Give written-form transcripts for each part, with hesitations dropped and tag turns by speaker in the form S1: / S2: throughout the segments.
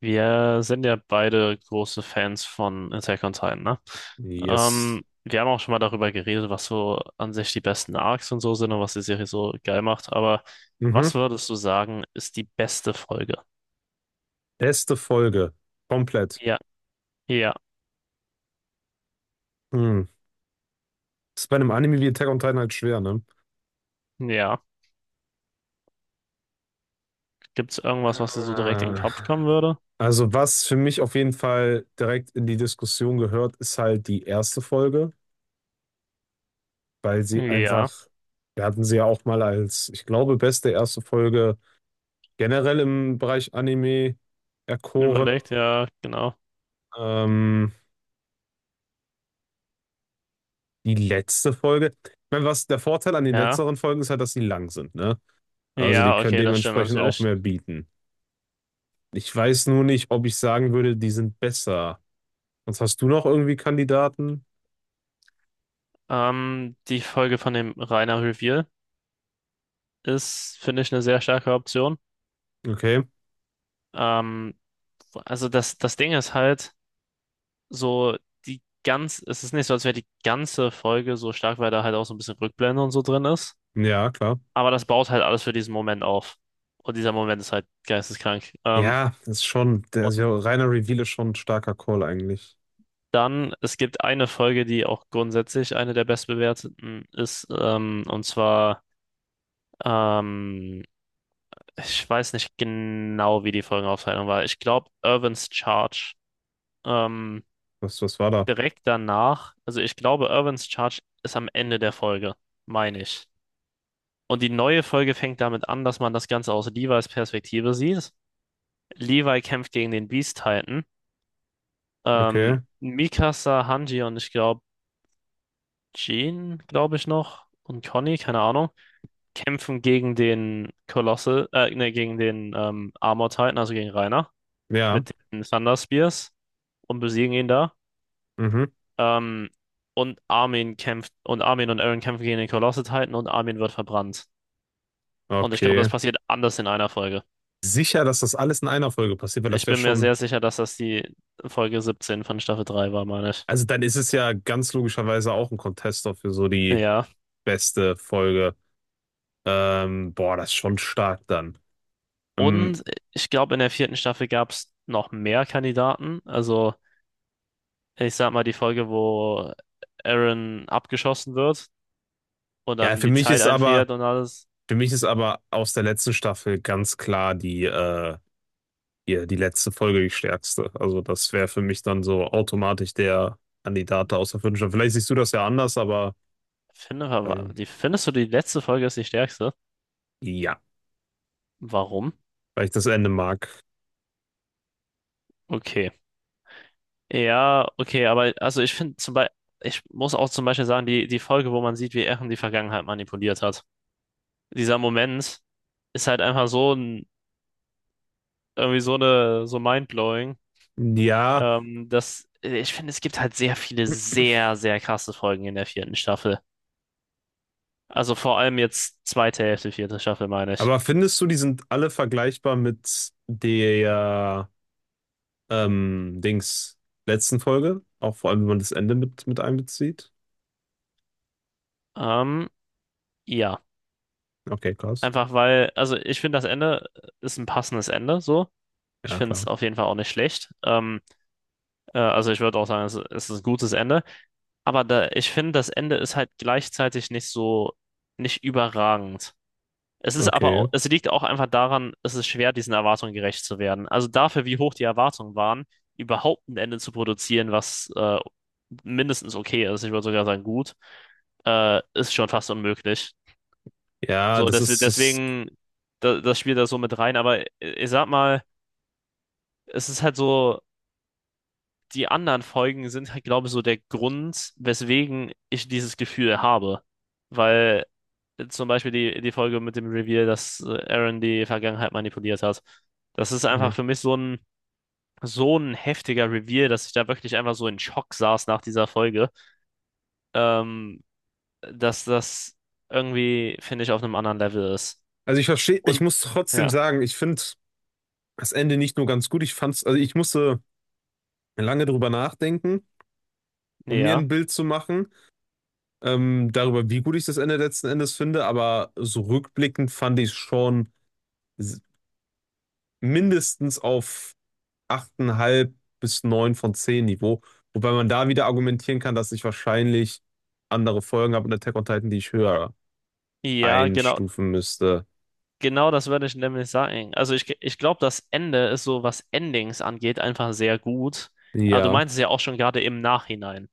S1: Wir sind ja beide große Fans von Attack on Titan, ne?
S2: Yes.
S1: Wir haben auch schon mal darüber geredet, was so an sich die besten Arcs und so sind und was die Serie so geil macht. Aber
S2: Mhm.
S1: was würdest du sagen, ist die beste Folge?
S2: Beste Folge. Komplett.
S1: Ja, ja,
S2: Hm. Ist bei einem Anime wie Attack on Titan halt schwer, ne?
S1: ja. Gibt's irgendwas, was dir so direkt in den
S2: Ah.
S1: Kopf kommen würde?
S2: Also, was für mich auf jeden Fall direkt in die Diskussion gehört, ist halt die erste Folge, weil sie
S1: Ja,
S2: einfach, wir hatten sie ja auch mal als, ich glaube, beste erste Folge generell im Bereich Anime erkoren.
S1: überlegt, ja, genau.
S2: Ähm, Die letzte Folge. Ich meine, was der Vorteil an den
S1: Ja,
S2: letzteren Folgen ist, halt, dass sie lang sind, ne? Also, die
S1: ja,
S2: können
S1: okay, das stimmt
S2: dementsprechend auch
S1: natürlich.
S2: mehr bieten. Ich weiß nur nicht, ob ich sagen würde, die sind besser. Sonst hast du noch irgendwie Kandidaten?
S1: Die Folge von dem Rainer Reveal ist, finde ich, eine sehr starke Option.
S2: Okay,
S1: Ähm, Also das Ding ist halt so, die ganz, es ist nicht so, als wäre die ganze Folge so stark, weil da halt auch so ein bisschen Rückblende und so drin ist.
S2: ja, klar.
S1: Aber das baut halt alles für diesen Moment auf. Und dieser Moment ist halt geisteskrank. Ähm,
S2: Ja, das ist schon, der ist ja,
S1: und
S2: reiner Reveal ist schon ein starker Call eigentlich.
S1: dann, es gibt eine Folge, die auch grundsätzlich eine der bestbewerteten ist. Und zwar, ähm, ich weiß nicht genau, wie die Folgenaufteilung war. Ich glaube, Irvin's Charge. Ähm,
S2: Was war da?
S1: direkt danach, also ich glaube, Irvins Charge ist am Ende der Folge, meine ich. Und die neue Folge fängt damit an, dass man das Ganze aus Levi's Perspektive sieht. Levi kämpft gegen den Beast Titan.
S2: Okay,
S1: Mikasa, Hanji und ich glaube Jean, glaube ich noch, und Conny, keine Ahnung, kämpfen gegen den Colossal, ne, gegen den Armor Titan, also gegen Reiner,
S2: ja,
S1: mit den Thunder Spears und besiegen ihn da.
S2: mhm,
S1: Ähm, und Armin kämpft, und Armin und Eren kämpfen gegen den Colossal-Titan und Armin wird verbrannt. Und ich glaube, das
S2: okay.
S1: passiert anders in einer Folge.
S2: Sicher, dass das alles in einer Folge passiert, weil das
S1: Ich
S2: wäre
S1: bin mir
S2: schon,
S1: sehr sicher, dass das die Folge 17 von Staffel 3 war, meine ich.
S2: also dann ist es ja ganz logischerweise auch ein Contester für so die
S1: Ja.
S2: beste Folge. Boah, das ist schon stark dann. Ähm,
S1: Und ich glaube, in der vierten Staffel gab es noch mehr Kandidaten. Also, ich sag mal, die Folge, wo Eren abgeschossen wird und
S2: ja,
S1: dann
S2: für
S1: die
S2: mich
S1: Zeit
S2: ist aber,
S1: einfriert und alles.
S2: Für mich ist aber aus der letzten Staffel ganz klar die letzte Folge die stärkste. Also das wäre für mich dann so automatisch der Kandidat da aus der fünften Staffel. Vielleicht siehst du das ja anders, aber
S1: Finde, war-
S2: weil,
S1: die, findest du, die letzte Folge ist die stärkste?
S2: ja,
S1: Warum?
S2: weil ich das Ende mag.
S1: Okay. Ja, okay, aber also ich finde zum Beispiel, ich muss auch zum Beispiel sagen, die Folge, wo man sieht, wie Eren die Vergangenheit manipuliert hat. Dieser Moment ist halt einfach so ein, irgendwie so eine, so mindblowing,
S2: Ja,
S1: dass ich finde, es gibt halt sehr viele sehr, sehr krasse Folgen in der vierten Staffel. Also vor allem jetzt zweite Hälfte, vierte Staffel, meine ich.
S2: aber findest du, die sind alle vergleichbar mit der Dings letzten Folge? Auch vor allem, wenn man das Ende mit einbezieht?
S1: Ähm, ja,
S2: Okay, krass.
S1: einfach weil, also ich finde, das Ende ist ein passendes Ende, so. Ich
S2: Ja,
S1: finde es
S2: klar.
S1: auf jeden Fall auch nicht schlecht. Also ich würde auch sagen, es ist ein gutes Ende. Aber da, ich finde, das Ende ist halt gleichzeitig nicht so, nicht überragend. Es ist aber
S2: Okay.
S1: auch, es liegt auch einfach daran, es ist schwer, diesen Erwartungen gerecht zu werden. Also dafür, wie hoch die Erwartungen waren, überhaupt ein Ende zu produzieren, was mindestens okay ist, ich würde sogar sagen gut, ist schon fast unmöglich.
S2: Ja,
S1: So,
S2: das
S1: des,
S2: ist, das,
S1: deswegen, da, das spielt da so mit rein. Aber ich sag mal, es ist halt so, die anderen Folgen sind halt, glaube ich, so der Grund, weswegen ich dieses Gefühl habe. Weil zum Beispiel die Folge mit dem Reveal, dass Aaron die Vergangenheit manipuliert hat. Das ist
S2: hm.
S1: einfach für mich so ein heftiger Reveal, dass ich da wirklich einfach so in Schock saß nach dieser Folge. Ähm, dass das irgendwie, finde ich, auf einem anderen Level ist.
S2: Also ich verstehe, ich
S1: Und
S2: muss trotzdem
S1: ja,
S2: sagen, ich finde das Ende nicht nur ganz gut, ich fand's, also ich musste lange drüber nachdenken, um mir
S1: ja,
S2: ein Bild zu machen, darüber, wie gut ich das Ende letzten Endes finde, aber so rückblickend fand ich es schon s- mindestens auf 8,5 bis 9 von 10 Niveau, wobei man da wieder argumentieren kann, dass ich wahrscheinlich andere Folgen habe in Attack on Titan, die ich höher
S1: ja, genau,
S2: einstufen müsste.
S1: genau das würde ich nämlich sagen. Also ich glaube, das Ende ist so, was Endings angeht, einfach sehr gut. Aber du
S2: Ja.
S1: meinst es ja auch schon gerade im Nachhinein.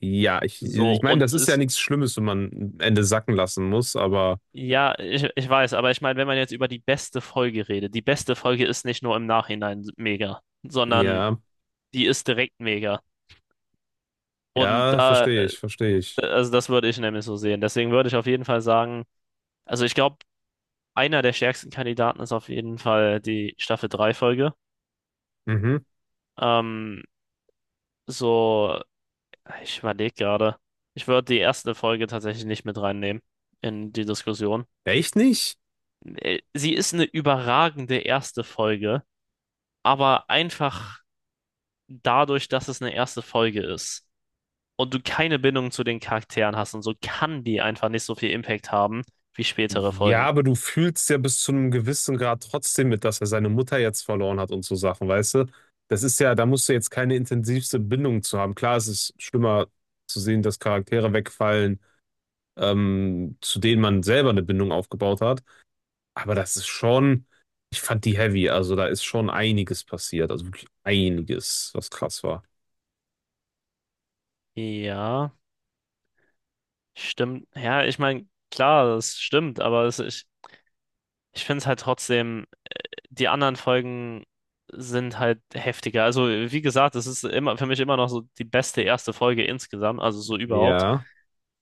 S2: Ja, ich,
S1: So,
S2: ich meine,
S1: und
S2: das ist ja
S1: es
S2: nichts Schlimmes, wenn man ein Ende sacken lassen muss, aber
S1: ja, ich weiß, aber ich meine, wenn man jetzt über die beste Folge redet, die beste Folge ist nicht nur im Nachhinein mega, sondern
S2: ja,
S1: die ist direkt mega. Und
S2: ja,
S1: da,
S2: verstehe ich, verstehe ich.
S1: also das würde ich nämlich so sehen. Deswegen würde ich auf jeden Fall sagen, also ich glaube, einer der stärksten Kandidaten ist auf jeden Fall die Staffel drei Folge.
S2: Mhm.
S1: Ähm, so, ich überlege gerade, ich würde die erste Folge tatsächlich nicht mit reinnehmen in die Diskussion.
S2: Echt nicht?
S1: Sie ist eine überragende erste Folge, aber einfach dadurch, dass es eine erste Folge ist und du keine Bindung zu den Charakteren hast und so, kann die einfach nicht so viel Impact haben wie spätere
S2: Ja,
S1: Folgen.
S2: aber du fühlst ja bis zu einem gewissen Grad trotzdem mit, dass er seine Mutter jetzt verloren hat und so Sachen, weißt du? Das ist ja, da musst du jetzt keine intensivste Bindung zu haben. Klar, es ist schlimmer zu sehen, dass Charaktere wegfallen, zu denen man selber eine Bindung aufgebaut hat. Aber das ist schon, ich fand die heavy, also da ist schon einiges passiert, also wirklich einiges, was krass war.
S1: Ja, stimmt. Ja, ich meine, klar, das stimmt, aber es, ich finde es halt trotzdem, die anderen Folgen sind halt heftiger. Also, wie gesagt, es ist immer für mich immer noch so die beste erste Folge insgesamt, also so überhaupt.
S2: Ja,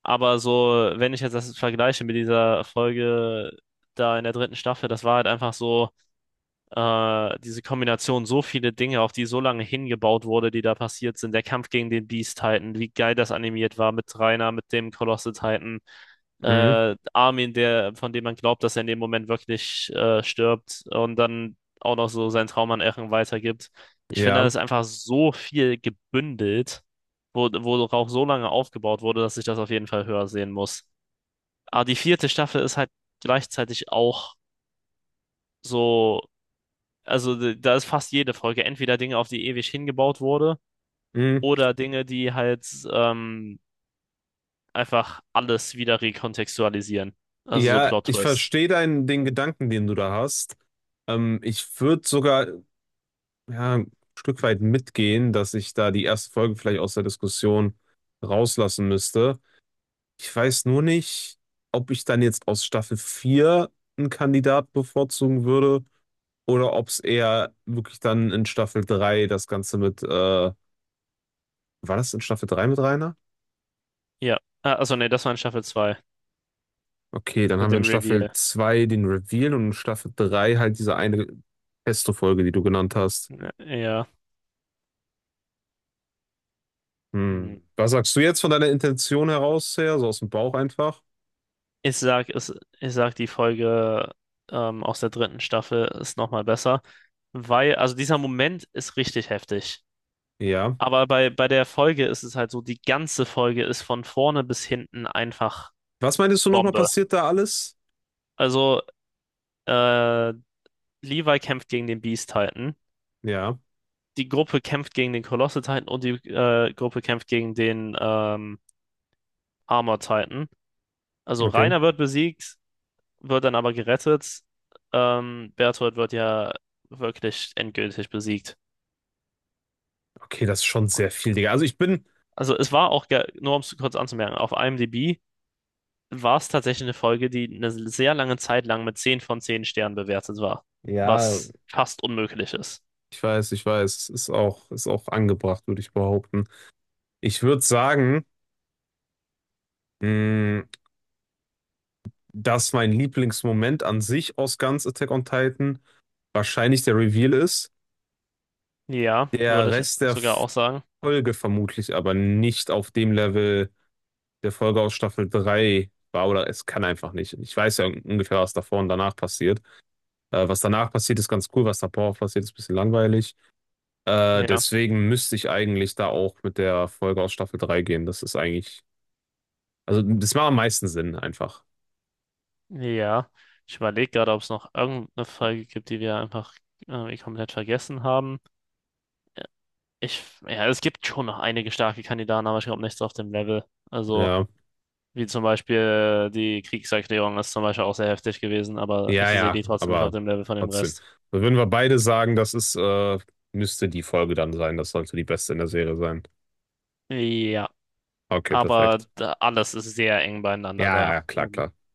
S1: Aber so, wenn ich jetzt das vergleiche mit dieser Folge da in der dritten Staffel, das war halt einfach so diese Kombination, so viele Dinge, auf die so lange hingebaut wurde, die da passiert sind. Der Kampf gegen den Beast Titan, wie geil das animiert war mit Reiner, mit dem Colossal Titan.
S2: mhm,
S1: Armin, der, von dem man glaubt, dass er in dem Moment wirklich stirbt und dann auch noch so seinen Traum an Eren weitergibt. Ich finde, da
S2: ja,
S1: ist einfach so viel gebündelt, wo, worauf so lange aufgebaut wurde, dass ich das auf jeden Fall höher sehen muss. Aber die vierte Staffel ist halt gleichzeitig auch so, also d- da ist fast jede Folge entweder Dinge, auf die ewig hingebaut wurde,
S2: mhm.
S1: oder Dinge, die halt ähm, einfach alles wieder rekontextualisieren. Also so
S2: Ja, ich
S1: Plot-Twist.
S2: verstehe den Gedanken, den du da hast. Ich würde sogar ja, ein Stück weit mitgehen, dass ich da die erste Folge vielleicht aus der Diskussion rauslassen müsste. Ich weiß nur nicht, ob ich dann jetzt aus Staffel 4 einen Kandidat bevorzugen würde oder ob es eher wirklich dann in Staffel 3 das Ganze mit, war das in Staffel 3 mit Rainer?
S1: Ja. Ah, also nee, das war in Staffel 2
S2: Okay, dann
S1: mit
S2: haben wir in
S1: dem
S2: Staffel
S1: Reveal.
S2: 2 den Reveal und in Staffel 3 halt diese eine Pesto-Folge, die du genannt hast.
S1: Ja, ja. Hm.
S2: Hm. Was sagst du jetzt von deiner Intention heraus her, so aus dem Bauch einfach?
S1: Ich sag, es, ich sag, die Folge aus der dritten Staffel ist nochmal besser, weil, also dieser Moment ist richtig heftig.
S2: Ja.
S1: Aber bei der Folge ist es halt so, die ganze Folge ist von vorne bis hinten einfach
S2: Was meintest du nochmal
S1: Bombe.
S2: passiert da alles?
S1: Also äh, Levi kämpft gegen den Beast Titan.
S2: Ja,
S1: Die Gruppe kämpft gegen den Colossal Titan und die Gruppe kämpft gegen den Armor Titan. Also
S2: okay.
S1: Reiner wird besiegt, wird dann aber gerettet. Berthold wird ja wirklich endgültig besiegt.
S2: Okay, das ist schon sehr viel, Digga. Also ich bin.
S1: Also es war auch, ge- nur um es kurz anzumerken, auf IMDb war es tatsächlich eine Folge, die eine sehr lange Zeit lang mit 10 von 10 Sternen bewertet war,
S2: Ja.
S1: was fast unmöglich ist.
S2: Ich weiß, ist auch angebracht, würde ich behaupten. Ich würde sagen, mh, dass mein Lieblingsmoment an sich aus ganz Attack on Titan wahrscheinlich der Reveal ist.
S1: Ja,
S2: Der
S1: würde ich
S2: Rest der
S1: sogar auch sagen.
S2: Folge vermutlich aber nicht auf dem Level der Folge aus Staffel 3 war oder es kann einfach nicht. Ich weiß ja ungefähr, was davor und danach passiert. Was danach passiert, ist ganz cool, was davor passiert, ist ein bisschen langweilig.
S1: Ja.
S2: Deswegen müsste ich eigentlich da auch mit der Folge aus Staffel 3 gehen. Das ist eigentlich Also das macht am meisten Sinn einfach.
S1: Ja, ich überlege gerade, ob es noch irgendeine Frage gibt, die wir einfach irgendwie komplett vergessen haben. Ich, ja, es gibt schon noch einige starke Kandidaten, aber ich glaube nichts auf dem Level. Also,
S2: Ja,
S1: wie zum Beispiel die Kriegserklärung ist zum Beispiel auch sehr heftig gewesen, aber ich
S2: ja,
S1: sehe
S2: ja,
S1: die trotzdem nicht auf
S2: aber
S1: dem Level von dem
S2: trotzdem.
S1: Rest.
S2: Also würden wir beide sagen, das ist, müsste die Folge dann sein. Das sollte die beste in der Serie sein.
S1: Ja,
S2: Okay,
S1: aber
S2: perfekt.
S1: da, alles ist sehr eng beieinander
S2: Ja, ja,
S1: da.
S2: ja, klar, klar.